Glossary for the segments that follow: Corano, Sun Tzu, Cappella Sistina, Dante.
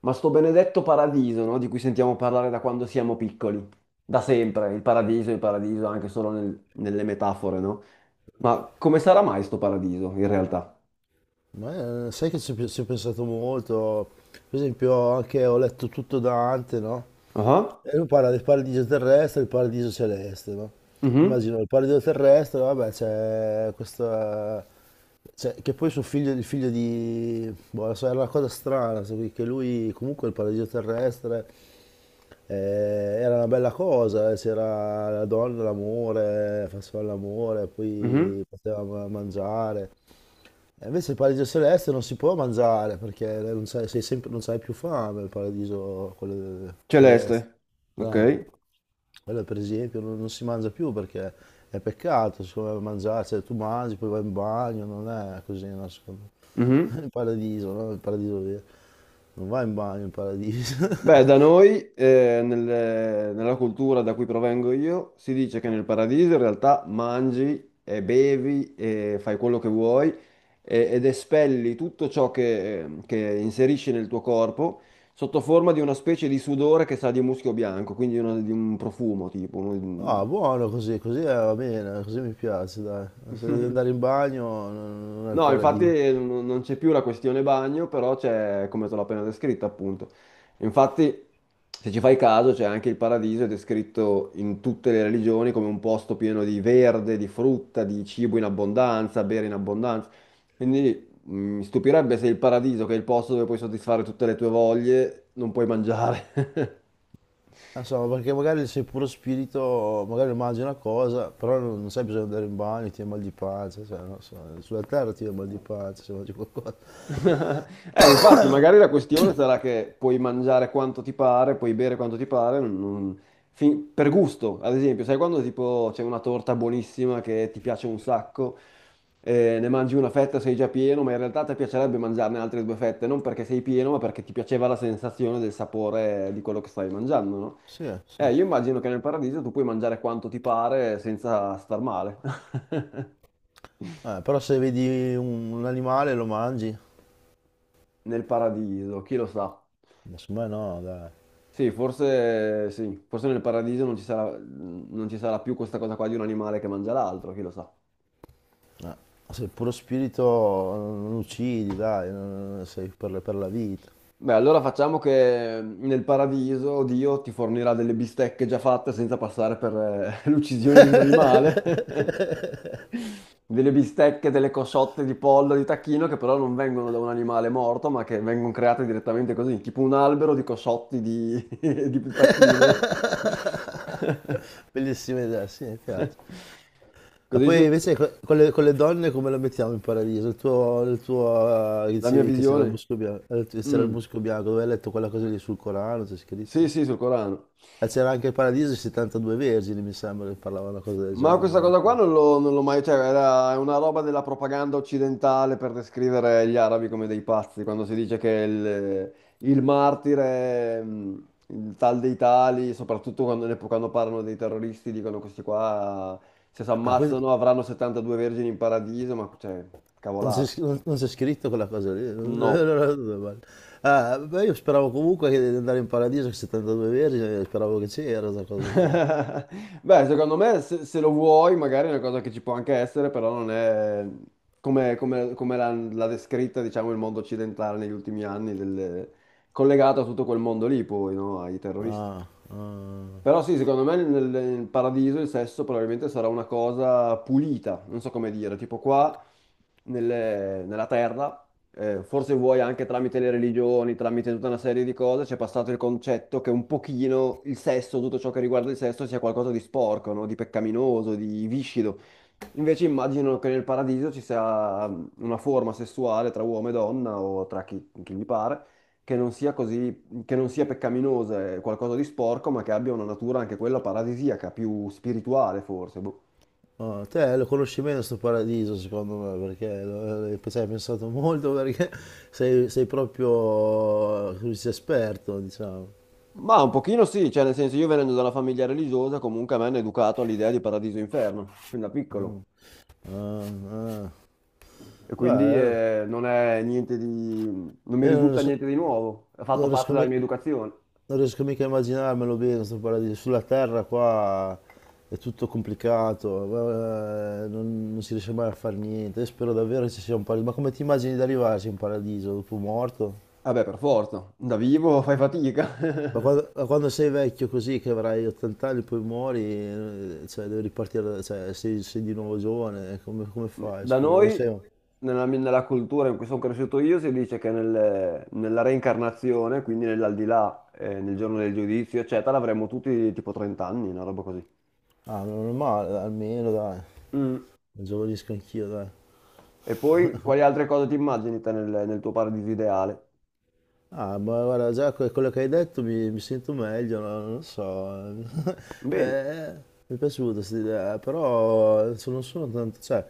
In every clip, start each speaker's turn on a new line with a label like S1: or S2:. S1: Ma sto benedetto paradiso, no? Di cui sentiamo parlare da quando siamo piccoli, da sempre, il paradiso, anche solo nelle metafore, no? Ma come sarà mai sto paradiso in realtà?
S2: Ma sai che ci ho pensato molto, per esempio anche ho letto tutto Dante, no?
S1: Ah,
S2: E lui parla del paradiso terrestre e del paradiso celeste, no?
S1: mhm,
S2: Immagino il paradiso terrestre, vabbè, c'è questa, cioè, che poi suo figlio, il figlio di, boh, non so, era una cosa strana, che lui comunque il paradiso terrestre era una bella cosa, c'era la donna, l'amore, faceva l'amore,
S1: mhm.
S2: poi poteva mangiare, e invece il paradiso celeste non si può mangiare perché non c'hai, sei sempre, non c'hai più fame, il paradiso quello celeste.
S1: Celeste, ok?
S2: Eh, quello per esempio non si mangia più perché è peccato, secondo me, mangiare, cioè tu mangi, poi vai in bagno, non è così, no, secondo me.
S1: Mhm.
S2: Il paradiso, no? Il paradiso vero. Non vai in bagno in paradiso.
S1: Beh, da noi, nella cultura da cui provengo io, si dice che nel paradiso in realtà mangi e bevi e fai quello che vuoi ed espelli tutto ciò che inserisci nel tuo corpo sotto forma di una specie di sudore che sa di muschio bianco, quindi di un profumo tipo.
S2: Ah, buono così, così va bene, così mi piace, dai. Se devi andare in bagno non è il
S1: No, infatti
S2: paradiso.
S1: non c'è più la questione bagno, però c'è come te l'ho appena descritta, appunto. Infatti, se ci fai caso, c'è anche il paradiso, è descritto in tutte le religioni come un posto pieno di verde, di frutta, di cibo in abbondanza, bere in abbondanza. Quindi mi stupirebbe se il paradiso, che è il posto dove puoi soddisfare tutte le tue voglie, non puoi mangiare.
S2: Non so, perché magari sei puro spirito, magari mangi una cosa, però non sai bisogno di andare in bagno, ti viene mal di pancia, cioè, non so, sulla terra ti viene mal di pancia se mangi qualcosa.
S1: Infatti, magari la questione sarà che puoi mangiare quanto ti pare, puoi bere quanto ti pare, per gusto, ad esempio, sai quando tipo c'è una torta buonissima che ti piace un sacco, ne mangi una fetta, sei già pieno, ma in realtà ti piacerebbe mangiarne altre due fette, non perché sei pieno, ma perché ti piaceva la sensazione del sapore di quello che stavi mangiando, no?
S2: Sì, sì.
S1: Io immagino che nel paradiso tu puoi mangiare quanto ti pare senza star male.
S2: Però se vedi un animale lo mangi,
S1: Nel paradiso, chi lo sa?
S2: ma secondo me no, dai.
S1: Sì, forse nel paradiso non ci sarà, non ci sarà più questa cosa qua di un animale che mangia l'altro, chi lo sa.
S2: Eh, sei puro spirito, non uccidi, dai, sei per, per la vita.
S1: Beh, allora facciamo che nel paradiso Dio ti fornirà delle bistecche già fatte senza passare per l'uccisione di un animale. Delle bistecche, delle cosciotte di pollo, di tacchino che però non vengono da un animale morto, ma che vengono create direttamente così, tipo un albero di cosciotti di, di tacchino.
S2: Bellissima idea, sì, mi piace. E
S1: Così si
S2: poi invece con le donne come lo mettiamo in paradiso? Il tuo
S1: La mia
S2: dicevi che c'era il
S1: visione?
S2: musco bianco, c'era il
S1: Mm.
S2: musco bianco, dove hai letto quella cosa lì sul Corano, c'è
S1: Sì,
S2: scritto.
S1: sì, sul Corano.
S2: E c'era anche il paradiso e 72 vergini, mi sembra, che parlava una cosa del
S1: Ma
S2: genere.
S1: questa
S2: no?
S1: cosa qua non l'ho mai... Cioè, era è una roba della propaganda occidentale per descrivere gli arabi come dei pazzi, quando si dice che il martire, il tal dei tali, soprattutto quando parlano dei terroristi, dicono questi qua, se si
S2: Ah, quindi
S1: ammazzano avranno 72 vergini in paradiso, ma cioè, cavolate.
S2: non c'è scritto quella cosa lì.
S1: No.
S2: Allora, dove vale? Ah, beh, io speravo comunque che di andare in paradiso con 72 vergini, speravo che c'era questa cosa qua.
S1: Beh, secondo me se, se lo vuoi, magari è una cosa che ci può anche essere, però non è come l'ha descritta, diciamo, il mondo occidentale negli ultimi anni, collegato a tutto quel mondo lì, poi, no? Ai terroristi.
S2: Ah, ah.
S1: Però sì, secondo me nel, nel paradiso il sesso probabilmente sarà una cosa pulita, non so come dire, tipo qua nella terra, forse vuoi anche tramite le religioni, tramite tutta una serie di cose, c'è passato il concetto che un pochino il sesso, tutto ciò che riguarda il sesso, sia qualcosa di sporco, no? Di peccaminoso, di viscido. Invece immagino che nel paradiso ci sia una forma sessuale tra uomo e donna o tra chi, chi gli pare, che non sia così, che non sia peccaminosa, è qualcosa di sporco, ma che abbia una natura anche quella paradisiaca, più spirituale forse. Boh.
S2: Oh, te lo conosci meno sto paradiso secondo me perché ci hai pensato molto perché sei proprio come si dice, esperto diciamo.
S1: Ma un pochino sì, cioè nel senso io venendo da una famiglia religiosa comunque mi hanno educato all'idea di paradiso e inferno, fin da piccolo.
S2: Ah, ah.
S1: E quindi
S2: Beh,
S1: non è niente di... non mi
S2: io
S1: risulta niente di nuovo, ha fatto
S2: non
S1: parte
S2: riesco
S1: della
S2: mi-
S1: mia educazione.
S2: non riesco mica a immaginarmelo bene sto paradiso. Sulla terra qua è tutto complicato, non si riesce mai a fare niente. Io spero davvero che ci sia un paradiso. Ma come ti immagini di arrivarci in paradiso dopo morto?
S1: Vabbè, per forza, da vivo fai fatica.
S2: Ma quando sei vecchio così, che avrai 80 anni, poi muori, cioè devi ripartire, cioè sei di nuovo giovane, come fai,
S1: Da
S2: scusa?
S1: noi, nella, nella cultura in cui sono cresciuto io, si dice che nella reincarnazione, quindi nell'aldilà, nel giorno del giudizio, eccetera, avremo tutti tipo 30 anni, una roba così.
S2: Ah, non è male, dai, almeno dai,
S1: Mm.
S2: giovanisco anch'io, dai.
S1: E poi quali altre cose ti immagini te nel, nel tuo paradiso ideale?
S2: Ah, ma guarda, già quello che hai detto mi sento meglio, no? Non lo so.
S1: Bene,
S2: Eh, mi è piaciuta questa idea, però non sono tanto, cioè,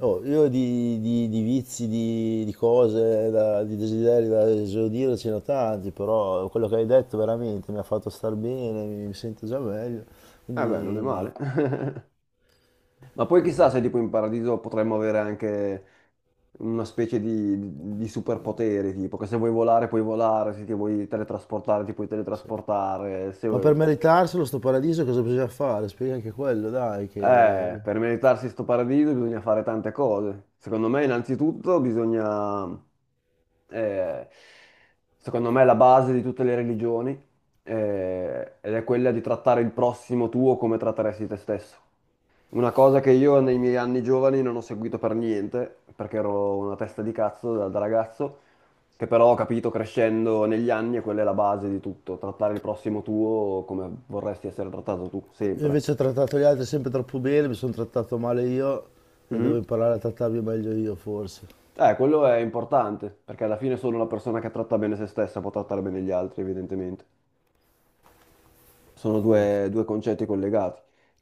S2: oh, io di vizi, di cose, di desideri da esaudire ce ne ho tanti, però quello che hai detto veramente mi ha fatto star bene, mi sento già meglio.
S1: eh beh, non è
S2: Quindi,
S1: male. Ma poi chissà se tipo in paradiso potremmo avere anche una specie di, di superpoteri, tipo che se vuoi volare puoi volare, se ti vuoi teletrasportare ti puoi
S2: sì.
S1: teletrasportare. Se
S2: Ma
S1: vuoi-
S2: per meritarselo, sto paradiso, cosa bisogna fare? Spiega anche quello, dai, che.
S1: Per meritarsi sto paradiso bisogna fare tante cose. Secondo me innanzitutto bisogna eh, secondo me è la base di tutte le religioni, ed è quella di trattare il prossimo tuo come tratteresti te stesso. Una cosa che io nei miei anni giovani non ho seguito per niente, perché ero una testa di cazzo da, da ragazzo, che però ho capito crescendo negli anni e quella è la base di tutto, trattare il prossimo tuo come vorresti essere trattato tu,
S2: Io
S1: sempre.
S2: invece ho trattato gli altri sempre troppo bene, mi sono trattato male io e devo
S1: Mhm.
S2: imparare a trattarmi meglio io forse.
S1: Quello è importante, perché alla fine solo una persona che tratta bene se stessa può trattare bene gli altri, evidentemente. Sono due, due concetti collegati.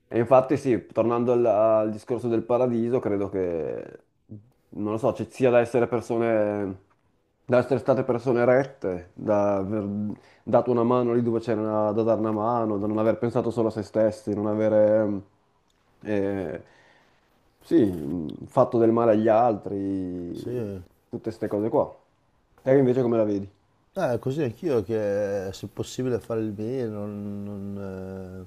S1: E infatti sì, tornando al, al discorso del paradiso, credo che, non lo so, ci sia da essere persone, da essere state persone rette, da aver dato una mano lì dove c'era da dare una mano, da non aver pensato solo a se stessi, non avere, eh, sì, fatto del male agli altri,
S2: Sì,
S1: tutte queste cose qua. Te invece come la vedi?
S2: così anch'io che se possibile fare il bene, non, non, eh,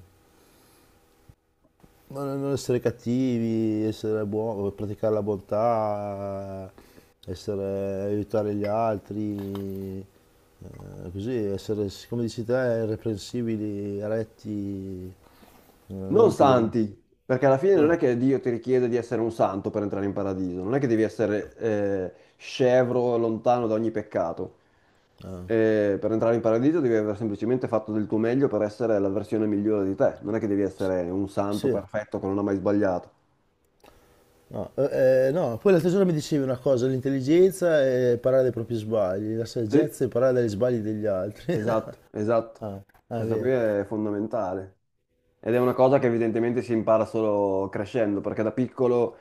S2: non- non essere cattivi, essere buoni, praticare la bontà, essere, aiutare gli altri, così essere, come dici te, irreprensibili, retti,
S1: Non
S2: integri.
S1: santi, perché alla fine non è
S2: No,
S1: che Dio ti richiede di essere un santo per entrare in paradiso, non è che devi essere scevro, lontano da ogni peccato. Per entrare in paradiso devi aver semplicemente fatto del tuo meglio per essere la versione migliore di te, non è che devi
S2: s-
S1: essere un santo
S2: sì.
S1: perfetto che non ha mai sbagliato.
S2: No, no, poi l'altro giorno mi dicevi una cosa, l'intelligenza è imparare dai propri sbagli, la
S1: Sì.
S2: saggezza è imparare dagli sbagli degli altri.
S1: Esatto, esatto.
S2: Ah, ah, è
S1: Questa
S2: vero.
S1: qui è fondamentale. Ed è una cosa che evidentemente si impara solo crescendo, perché da piccolo,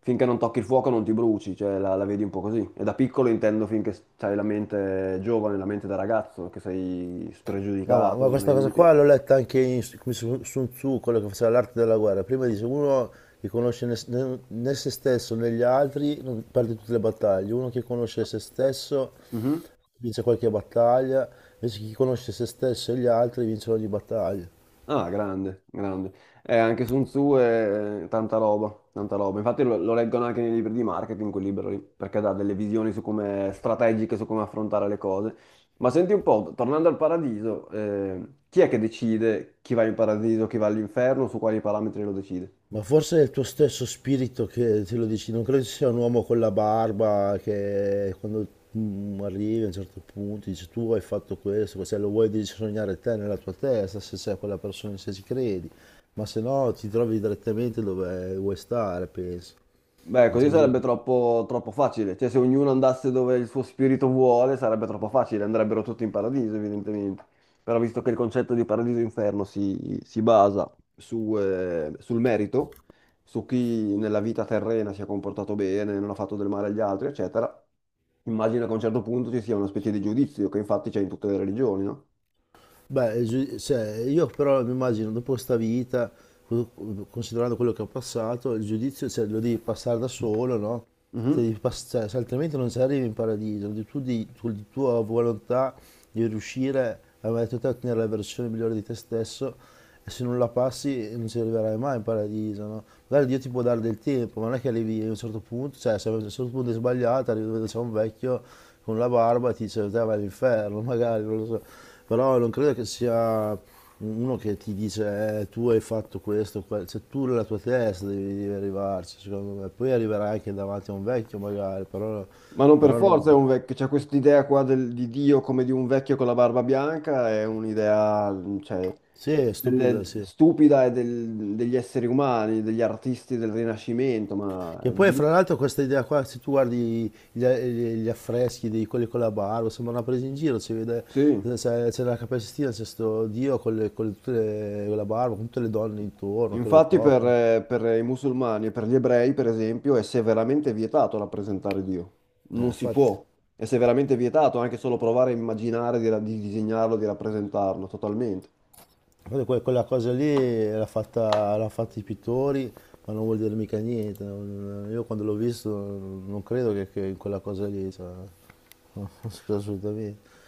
S1: finché non tocchi il fuoco, non ti bruci, cioè la, la vedi un po' così. E da piccolo intendo finché hai la mente giovane, la mente da ragazzo, che sei
S2: No,
S1: spregiudicato,
S2: ma
S1: non hai
S2: questa cosa qua
S1: limiti.
S2: l'ho letta anche come su Sun Tzu, quello che faceva l'arte della guerra. Prima dice, uno che conosce né se stesso né gli altri non perde tutte le battaglie, uno che conosce se stesso
S1: Mhm.
S2: vince qualche battaglia, invece chi conosce se stesso e gli altri vince ogni battaglia.
S1: Ah, grande, grande. Anche Sun Tzu è tanta roba, tanta roba. Infatti lo, lo leggono anche nei libri di marketing, quel libro lì, perché dà delle visioni su come strategiche, su come affrontare le cose. Ma senti un po', tornando al paradiso, chi è che decide chi va in paradiso, chi va all'inferno, su quali parametri lo decide?
S2: Ma forse è il tuo stesso spirito che te lo dici, non credo ci sia un uomo con la barba che quando arrivi a un certo punto dice tu hai fatto questo, se lo vuoi devi sognare te nella tua testa, se sei quella persona, se ci credi, ma se no ti trovi direttamente dove vuoi stare, penso,
S1: Beh,
S2: non c'è
S1: così
S2: bisogno.
S1: sarebbe troppo, troppo facile. Cioè, se ognuno andasse dove il suo spirito vuole, sarebbe troppo facile. Andrebbero tutti in paradiso, evidentemente. Però visto che il concetto di paradiso e inferno si, si basa su, sul merito, su chi nella vita terrena si è comportato bene, non ha fatto del male agli altri, eccetera, immagino che a un certo punto ci sia una specie di giudizio, che infatti c'è in tutte le religioni, no?
S2: Beh, cioè, io però mi immagino dopo questa vita, co- considerando quello che ho passato, il giudizio cioè, lo devi passare da solo, no? se,
S1: Mhm.
S2: devi pass- cioè, se altrimenti non ci arrivi in paradiso, devi tu con la tua volontà di riuscire a mettere te a ottenere la versione migliore di te stesso e se non la passi non ci arriverai mai in paradiso, no? Magari Dio ti può dare del tempo, ma non è che arrivi a un certo punto, cioè se a un certo punto è sbagliata, arrivi dove c'è un vecchio con la barba e ti dice te vai all'inferno, magari, non lo so. Però non credo che sia uno che ti dice, tu hai fatto questo, quello, cioè tu nella tua testa devi arrivarci, secondo me. Poi arriverai anche davanti a un vecchio magari,
S1: Ma non per
S2: però non.
S1: forza è un vecchio, c'è quest'idea qua di Dio come di un vecchio con la barba bianca, è un'idea, cioè,
S2: Sì, è stupido, sì.
S1: stupida e degli esseri umani, degli artisti del Rinascimento, ma
S2: Che poi
S1: di-
S2: fra l'altro questa idea qua, se tu guardi gli affreschi di quelli con la barba, sembra una presa in giro, si vede,
S1: sì.
S2: c'è la Cappella Sistina, c'è sto Dio con la barba, con tutte le donne intorno che lo
S1: Infatti
S2: toccano.
S1: per i musulmani e per gli ebrei, per esempio, è severamente vietato rappresentare Dio. Non si
S2: Infatti.
S1: può. È severamente vietato anche solo provare a immaginare di, di disegnarlo, di rappresentarlo, totalmente.
S2: Guarda, quella cosa lì l'ha fatta i pittori, ma non vuol dire mica niente. Io quando l'ho visto non credo che in quella cosa lì, cioè, non credo assolutamente.